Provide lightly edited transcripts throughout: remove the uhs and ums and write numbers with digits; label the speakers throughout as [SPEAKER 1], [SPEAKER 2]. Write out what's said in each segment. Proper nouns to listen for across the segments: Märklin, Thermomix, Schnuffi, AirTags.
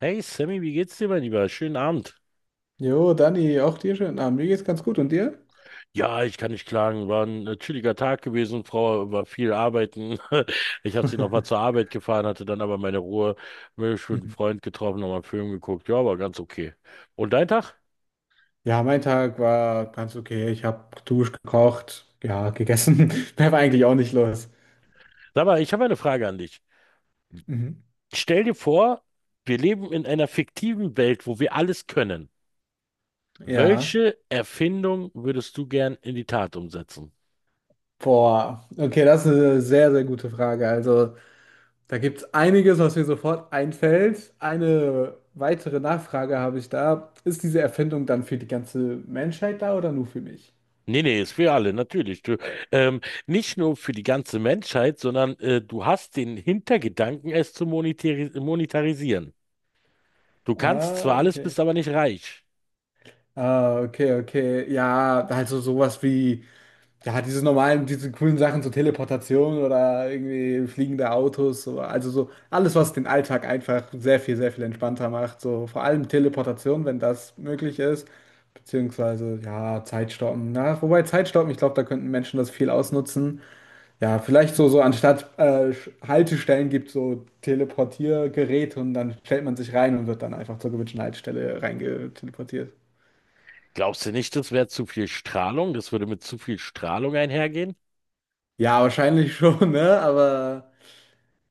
[SPEAKER 1] Hey Sammy, wie geht's dir, mein Lieber? Schönen Abend.
[SPEAKER 2] Jo, Dani, auch dir schönen Abend. Mir geht's ganz gut. Und dir?
[SPEAKER 1] Ja, ich kann nicht klagen. War ein chilliger Tag gewesen. Frau war viel arbeiten. Ich habe sie noch mal zur Arbeit gefahren, hatte dann aber meine Ruhe. Mich mit einem
[SPEAKER 2] Mhm.
[SPEAKER 1] Freund getroffen, nochmal einen Film geguckt. Ja, war ganz okay. Und dein Tag?
[SPEAKER 2] Ja, mein Tag war ganz okay. Ich habe geduscht, gekocht, ja, gegessen. Mehr war eigentlich auch nicht los.
[SPEAKER 1] Sag mal, ich habe eine Frage an dich.
[SPEAKER 2] Mhm.
[SPEAKER 1] Stell dir vor, wir leben in einer fiktiven Welt, wo wir alles können.
[SPEAKER 2] Ja,
[SPEAKER 1] Welche Erfindung würdest du gern in die Tat umsetzen?
[SPEAKER 2] boah. Okay, das ist eine sehr, sehr gute Frage. Also, da gibt es einiges, was mir sofort einfällt. Eine weitere Nachfrage habe ich da. Ist diese Erfindung dann für die ganze Menschheit da oder nur für mich?
[SPEAKER 1] Nee, nee, ist für alle, natürlich. Du, ähm, nicht nur für die ganze Menschheit, sondern du hast den Hintergedanken, es zu monetarisieren. Du kannst
[SPEAKER 2] Ah,
[SPEAKER 1] zwar alles,
[SPEAKER 2] okay.
[SPEAKER 1] bist aber nicht reich.
[SPEAKER 2] Ah, okay, okay. Ja, also sowas wie. Ja, diese normalen, diese coolen Sachen, so Teleportation oder irgendwie fliegende Autos, so, also so alles, was den Alltag einfach sehr viel entspannter macht. So vor allem Teleportation, wenn das möglich ist, beziehungsweise ja, Zeitstoppen. Na, wobei Zeitstoppen, ich glaube, da könnten Menschen das viel ausnutzen. Ja, vielleicht so, so anstatt Haltestellen gibt so Teleportiergeräte und dann stellt man sich rein und wird dann einfach zur gewünschten Haltestelle reingeteleportiert.
[SPEAKER 1] Glaubst du nicht, das wäre zu viel Strahlung? Das würde mit zu viel Strahlung einhergehen?
[SPEAKER 2] Ja, wahrscheinlich schon, ne? Aber.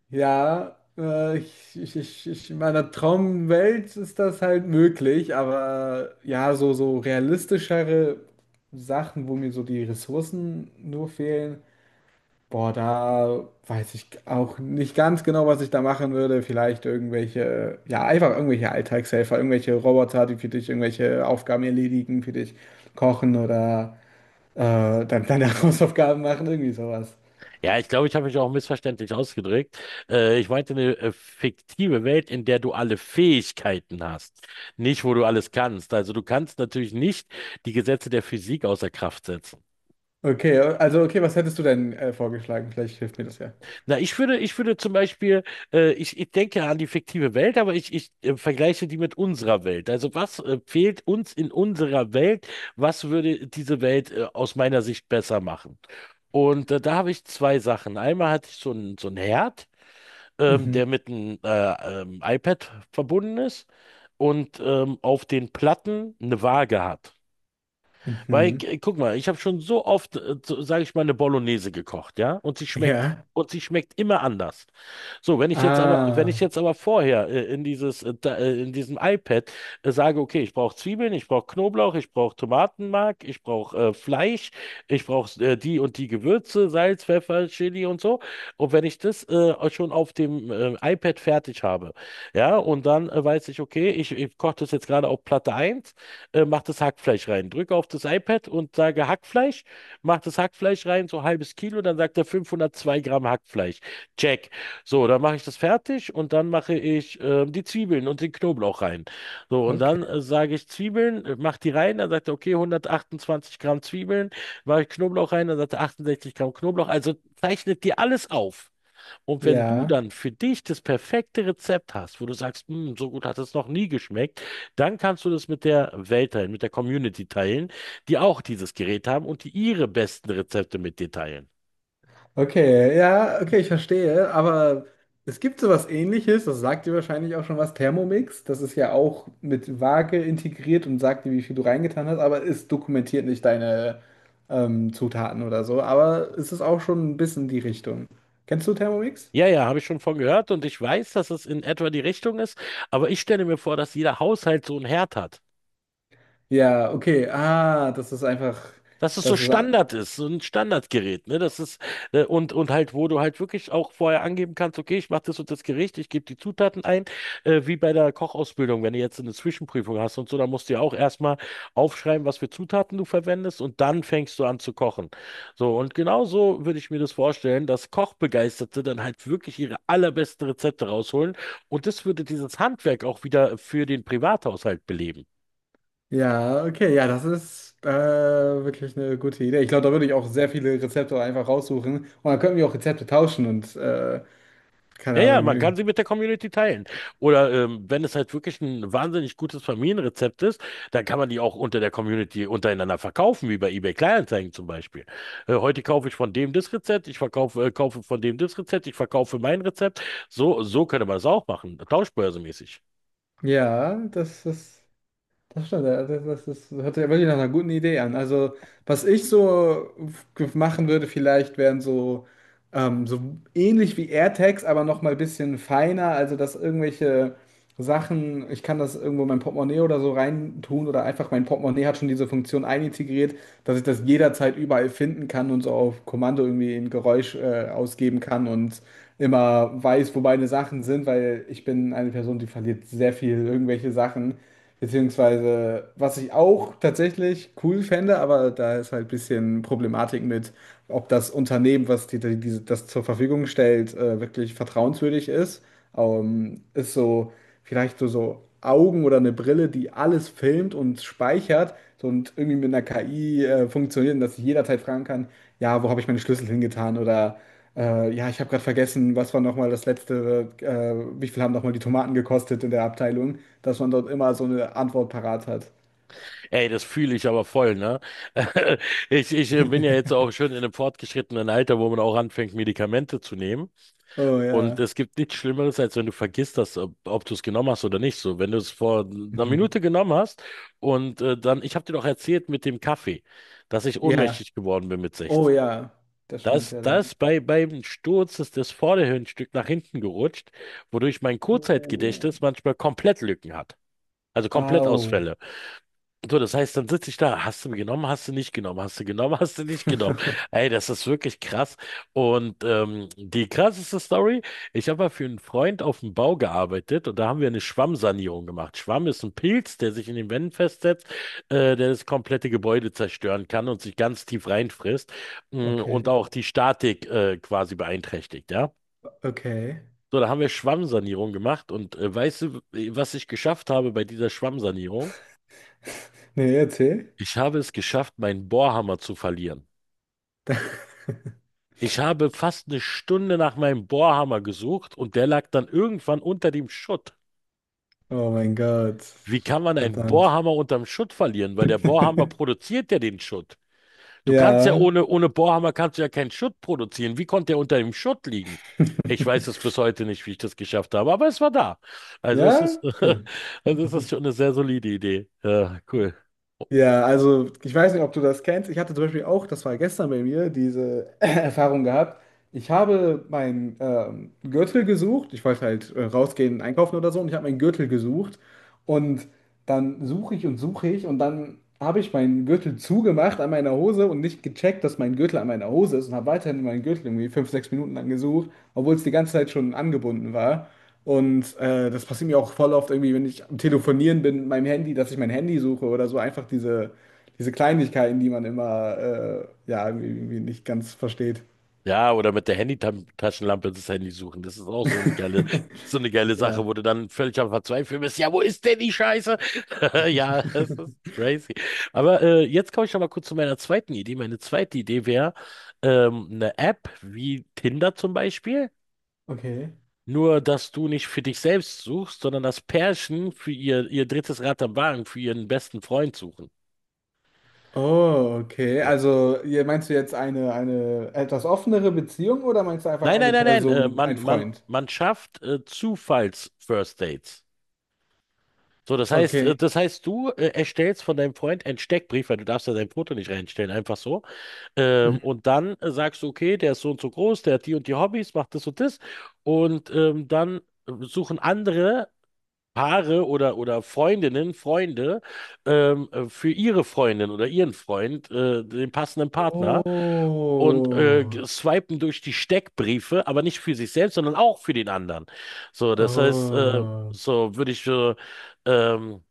[SPEAKER 2] Ja, ich in meiner Traumwelt ist das halt möglich, aber ja, so, so realistischere Sachen, wo mir so die Ressourcen nur fehlen, boah, da weiß ich auch nicht ganz genau, was ich da machen würde. Vielleicht irgendwelche, ja, einfach irgendwelche Alltagshelfer, irgendwelche Roboter, die für dich irgendwelche Aufgaben erledigen, für dich kochen oder äh, dann deine Hausaufgaben machen, irgendwie sowas.
[SPEAKER 1] Ja, ich glaube, ich habe mich auch missverständlich ausgedrückt. Ich meinte eine fiktive Welt, in der du alle Fähigkeiten hast, nicht wo du alles kannst. Also du kannst natürlich nicht die Gesetze der Physik außer Kraft setzen.
[SPEAKER 2] Okay, also okay, was hättest du denn vorgeschlagen? Vielleicht hilft mir das ja.
[SPEAKER 1] Na, ich würde zum Beispiel, ich denke an die fiktive Welt, aber ich vergleiche die mit unserer Welt. Also was fehlt uns in unserer Welt? Was würde diese Welt aus meiner Sicht besser machen? Und da habe ich zwei Sachen. Einmal hatte ich so einen Herd, der
[SPEAKER 2] Mhm.
[SPEAKER 1] mit einem iPad verbunden ist und auf den Platten eine Waage hat. Weil,
[SPEAKER 2] Mhm.
[SPEAKER 1] guck mal, ich habe schon so oft, so, sage ich mal, eine Bolognese gekocht, ja?
[SPEAKER 2] Ja.
[SPEAKER 1] Und sie schmeckt immer anders. So, wenn ich
[SPEAKER 2] Ah,
[SPEAKER 1] jetzt aber vorher in in diesem iPad sage, okay, ich brauche Zwiebeln, ich brauche Knoblauch, ich brauche Tomatenmark, ich brauche Fleisch, ich brauche die und die Gewürze, Salz, Pfeffer, Chili und so. Und wenn ich das schon auf dem iPad fertig habe, ja, und dann weiß ich, okay, ich koche das jetzt gerade auf Platte eins mach das Hackfleisch rein. Drücke auf das iPad und sage Hackfleisch, mach das Hackfleisch rein, so halbes Kilo, dann sagt er 502 Gramm Hackfleisch. Check. So, dann mache ich das fertig und dann mache ich die Zwiebeln und den Knoblauch rein. So, und
[SPEAKER 2] okay.
[SPEAKER 1] dann sage ich Zwiebeln, mach die rein, dann sagt er, okay, 128 Gramm Zwiebeln, mache ich Knoblauch rein, dann sagt er 68 Gramm Knoblauch. Also zeichnet dir alles auf. Und wenn du
[SPEAKER 2] Ja.
[SPEAKER 1] dann für dich das perfekte Rezept hast, wo du sagst, "Hm, so gut hat es noch nie geschmeckt, dann kannst du das mit der Welt teilen, mit der Community teilen, die auch dieses Gerät haben und die ihre besten Rezepte mit dir teilen.
[SPEAKER 2] Okay, ja, okay, ich verstehe. Aber es gibt sowas Ähnliches, das sagt dir wahrscheinlich auch schon was, Thermomix. Das ist ja auch mit Waage integriert und sagt dir, wie viel du reingetan hast, aber es dokumentiert nicht deine Zutaten oder so. Aber es ist auch schon ein bisschen die Richtung. Kennst du Thermomix?
[SPEAKER 1] Ja, ja, habe ich schon von gehört und ich weiß, dass es in etwa die Richtung ist, aber ich stelle mir vor, dass jeder Haushalt so einen Herd hat.
[SPEAKER 2] Ja, okay. Ah, das ist einfach,
[SPEAKER 1] Dass es so
[SPEAKER 2] das ist.
[SPEAKER 1] Standard ist, so ein Standardgerät, ne? Das ist, und halt, wo du halt wirklich auch vorher angeben kannst, okay, ich mache das und das Gericht, ich gebe die Zutaten ein, wie bei der Kochausbildung, wenn du jetzt eine Zwischenprüfung hast und so, dann musst du ja auch erstmal aufschreiben, was für Zutaten du verwendest und dann fängst du an zu kochen. So, und genau so würde ich mir das vorstellen, dass Kochbegeisterte dann halt wirklich ihre allerbesten Rezepte rausholen und das würde dieses Handwerk auch wieder für den Privathaushalt beleben.
[SPEAKER 2] Ja, okay, ja, das ist wirklich eine gute Idee. Ich glaube, da würde ich auch sehr viele Rezepte einfach raussuchen. Und dann könnten wir auch Rezepte tauschen und keine
[SPEAKER 1] Ja, ja,
[SPEAKER 2] Ahnung.
[SPEAKER 1] man kann
[SPEAKER 2] Irgend-
[SPEAKER 1] sie mit der Community teilen. Oder wenn es halt wirklich ein wahnsinnig gutes Familienrezept ist, dann kann man die auch unter der Community untereinander verkaufen, wie bei eBay Kleinanzeigen zum Beispiel. Heute kaufe ich von dem das Rezept, kaufe von dem das Rezept, ich verkaufe mein Rezept. So, so könnte man es auch machen, tauschbörsemäßig.
[SPEAKER 2] Ja, das ist. Das stimmt, ja, das hört sich ja wirklich nach einer guten Idee an. Also, was ich so f- machen würde, vielleicht wären so, so ähnlich wie AirTags, aber noch mal ein bisschen feiner. Also, dass irgendwelche Sachen, ich kann das irgendwo in mein Portemonnaie oder so reintun oder einfach mein Portemonnaie hat schon diese Funktion einintegriert, dass ich das jederzeit überall finden kann und so auf Kommando irgendwie ein Geräusch ausgeben kann und immer weiß, wo meine Sachen sind, weil ich bin eine Person, die verliert sehr viel irgendwelche Sachen. Beziehungsweise, was ich auch tatsächlich cool fände, aber da ist halt ein bisschen Problematik mit, ob das Unternehmen, was diese- das zur Verfügung stellt, wirklich vertrauenswürdig ist. Ist so vielleicht so, so Augen oder eine Brille, die alles filmt und speichert so, und irgendwie mit einer KI funktioniert und dass ich jederzeit fragen kann, ja, wo habe ich meine Schlüssel hingetan oder ja, ich habe gerade vergessen, was war nochmal das letzte, wie viel haben nochmal die Tomaten gekostet in der Abteilung, dass man dort immer so eine Antwort parat hat.
[SPEAKER 1] Ey, das fühle ich aber voll, ne? Ich bin ja jetzt auch schon in einem fortgeschrittenen Alter, wo man auch anfängt, Medikamente zu nehmen.
[SPEAKER 2] Oh
[SPEAKER 1] Und
[SPEAKER 2] ja.
[SPEAKER 1] es gibt nichts Schlimmeres, als wenn du vergisst, ob du es genommen hast oder nicht. So, wenn du es vor einer
[SPEAKER 2] Mhm.
[SPEAKER 1] Minute genommen hast und ich habe dir doch erzählt mit dem Kaffee, dass ich
[SPEAKER 2] Ja.
[SPEAKER 1] ohnmächtig geworden bin mit
[SPEAKER 2] Oh
[SPEAKER 1] 16.
[SPEAKER 2] ja. Das stimmt ja dann.
[SPEAKER 1] Beim Sturz ist das Vorderhirnstück nach hinten gerutscht, wodurch mein
[SPEAKER 2] Oh.
[SPEAKER 1] Kurzzeitgedächtnis manchmal komplett Lücken hat. Also komplett
[SPEAKER 2] Au.
[SPEAKER 1] so, das heißt, dann sitze ich da. Hast du mir genommen, hast du nicht genommen, hast du genommen, hast du nicht genommen. Ey, das ist wirklich krass. Und die krasseste Story, ich habe mal für einen Freund auf dem Bau gearbeitet und da haben wir eine Schwammsanierung gemacht. Schwamm ist ein Pilz, der sich in den Wänden festsetzt, der das komplette Gebäude zerstören kann und sich ganz tief reinfrisst und
[SPEAKER 2] Okay.
[SPEAKER 1] auch die Statik quasi beeinträchtigt, ja.
[SPEAKER 2] Okay.
[SPEAKER 1] So, da haben wir Schwammsanierung gemacht und weißt du, was ich geschafft habe bei dieser Schwammsanierung?
[SPEAKER 2] Nee, erzähl.
[SPEAKER 1] Ich habe es geschafft, meinen Bohrhammer zu verlieren. Ich habe fast eine Stunde nach meinem Bohrhammer gesucht und der lag dann irgendwann unter dem Schutt.
[SPEAKER 2] Oh mein Gott.
[SPEAKER 1] Wie kann man einen
[SPEAKER 2] Verdammt.
[SPEAKER 1] Bohrhammer unterm Schutt verlieren? Weil der Bohrhammer produziert ja den Schutt. Du kannst ja
[SPEAKER 2] Ja.
[SPEAKER 1] ohne Bohrhammer kannst du ja keinen Schutt produzieren. Wie konnte er unter dem Schutt liegen? Ich weiß es bis heute nicht, wie ich das geschafft habe, aber es war da. Also es ist,
[SPEAKER 2] Ja. Okay.
[SPEAKER 1] also es ist schon eine sehr solide Idee. Ja, cool.
[SPEAKER 2] Ja, also ich weiß nicht, ob du das kennst. Ich hatte zum Beispiel auch, das war gestern bei mir, diese Erfahrung gehabt. Ich habe meinen Gürtel gesucht. Ich wollte halt rausgehen, einkaufen oder so. Und ich habe meinen Gürtel gesucht. Und dann suche ich. Und dann habe ich meinen Gürtel zugemacht an meiner Hose und nicht gecheckt, dass mein Gürtel an meiner Hose ist. Und habe weiterhin meinen Gürtel irgendwie fünf, sechs Minuten lang gesucht, obwohl es die ganze Zeit schon angebunden war. Und das passiert mir auch voll oft irgendwie, wenn ich am Telefonieren bin mit meinem Handy, dass ich mein Handy suche oder so. Einfach diese, diese Kleinigkeiten, die man immer ja, irgendwie nicht ganz versteht.
[SPEAKER 1] Ja, oder mit der Handy-Taschenlampe das Handy suchen. Das ist auch so eine geile Sache,
[SPEAKER 2] Ja,
[SPEAKER 1] wo du dann völlig am Verzweifeln bist. Ja, wo ist denn die Scheiße? Ja, das ist crazy. Aber jetzt komme ich noch mal kurz zu meiner zweiten Idee. Meine zweite Idee wäre eine App wie Tinder zum Beispiel.
[SPEAKER 2] okay.
[SPEAKER 1] Nur, dass du nicht für dich selbst suchst, sondern das Pärchen für ihr drittes Rad am Wagen, für ihren besten Freund suchen.
[SPEAKER 2] Oh, okay.
[SPEAKER 1] So.
[SPEAKER 2] Also, ihr- meinst du jetzt eine etwas offenere Beziehung oder meinst du einfach
[SPEAKER 1] Nein,
[SPEAKER 2] eine
[SPEAKER 1] nein, nein, nein.
[SPEAKER 2] Person, ein Freund?
[SPEAKER 1] Man schafft Zufalls-First Dates. So,
[SPEAKER 2] Okay.
[SPEAKER 1] das heißt, du erstellst von deinem Freund einen Steckbrief, weil du darfst ja dein Foto nicht reinstellen, einfach so.
[SPEAKER 2] Mhm.
[SPEAKER 1] Und dann sagst du, okay, der ist so und so groß, der hat die und die Hobbys, macht das und das. Und dann suchen andere Paare oder Freundinnen, Freunde für ihre Freundin oder ihren Freund den passenden Partner und
[SPEAKER 2] Oh,
[SPEAKER 1] swipen durch die Steckbriefe, aber nicht für sich selbst, sondern auch für den anderen. So,
[SPEAKER 2] oh.
[SPEAKER 1] so würde ich ähm,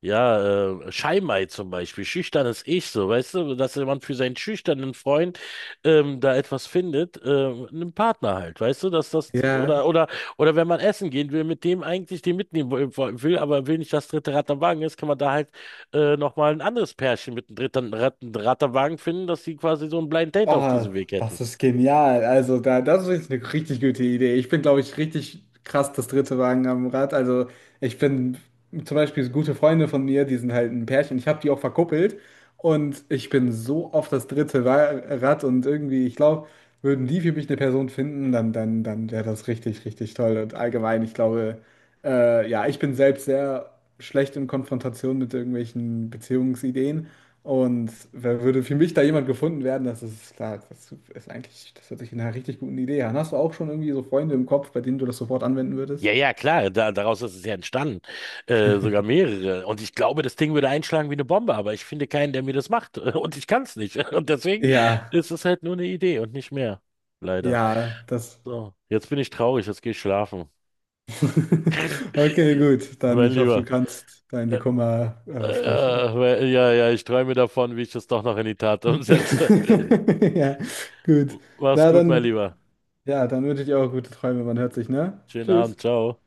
[SPEAKER 1] ja, Scheimei zum Beispiel, schüchternes Ich, so, weißt du, dass jemand für seinen schüchternen Freund da etwas findet, einen Partner halt, weißt du,
[SPEAKER 2] Ja.
[SPEAKER 1] oder wenn man essen gehen will, mit dem eigentlich den mitnehmen will, aber will nicht das dritte Rad am Wagen ist, kann man da halt nochmal ein anderes Pärchen mit dem dritten Rad am Wagen finden, dass die quasi so ein Blind Date auf
[SPEAKER 2] Oh,
[SPEAKER 1] diesem Weg hätten.
[SPEAKER 2] das ist genial. Also, da, das ist wirklich eine richtig gute Idee. Ich bin, glaube ich, richtig krass das dritte Wagen am Rad. Also, ich bin zum Beispiel so gute Freunde von mir, die sind halt ein Pärchen. Ich habe die auch verkuppelt und ich bin so oft das dritte Wa- Rad und irgendwie, ich glaube, würden die für mich eine Person finden, dann wäre das richtig, richtig toll. Und allgemein, ich glaube. Ja, ich bin selbst sehr schlecht in Konfrontation mit irgendwelchen Beziehungsideen. Und wer würde für mich da jemand gefunden werden, das ist klar, das ist eigentlich, das hört sich nach einer richtig guten Idee an. Hast du auch schon irgendwie so Freunde im Kopf, bei denen du das sofort anwenden
[SPEAKER 1] Ja,
[SPEAKER 2] würdest?
[SPEAKER 1] ja, klar, da, daraus ist es ja entstanden. Sogar mehrere. Und ich glaube, das Ding würde einschlagen wie eine Bombe, aber ich finde keinen, der mir das macht. Und ich kann es nicht. Und deswegen
[SPEAKER 2] Ja,
[SPEAKER 1] ist es halt nur eine Idee und nicht mehr. Leider.
[SPEAKER 2] ja, das.
[SPEAKER 1] So, jetzt bin ich traurig, jetzt gehe ich schlafen.
[SPEAKER 2] Okay, gut. Dann
[SPEAKER 1] Mein
[SPEAKER 2] ich hoffe, du
[SPEAKER 1] Lieber.
[SPEAKER 2] kannst deine
[SPEAKER 1] Äh,
[SPEAKER 2] Kummer freischalten.
[SPEAKER 1] äh, ja, ja, ich träume davon, wie ich das doch noch in die Tat umsetze.
[SPEAKER 2] Ja, gut.
[SPEAKER 1] Mach's
[SPEAKER 2] Na
[SPEAKER 1] gut, mein
[SPEAKER 2] dann,
[SPEAKER 1] Lieber.
[SPEAKER 2] ja, dann wünsche ich dir auch gute Träume. Man hört sich, ne?
[SPEAKER 1] Schönen Abend,
[SPEAKER 2] Tschüss.
[SPEAKER 1] ciao.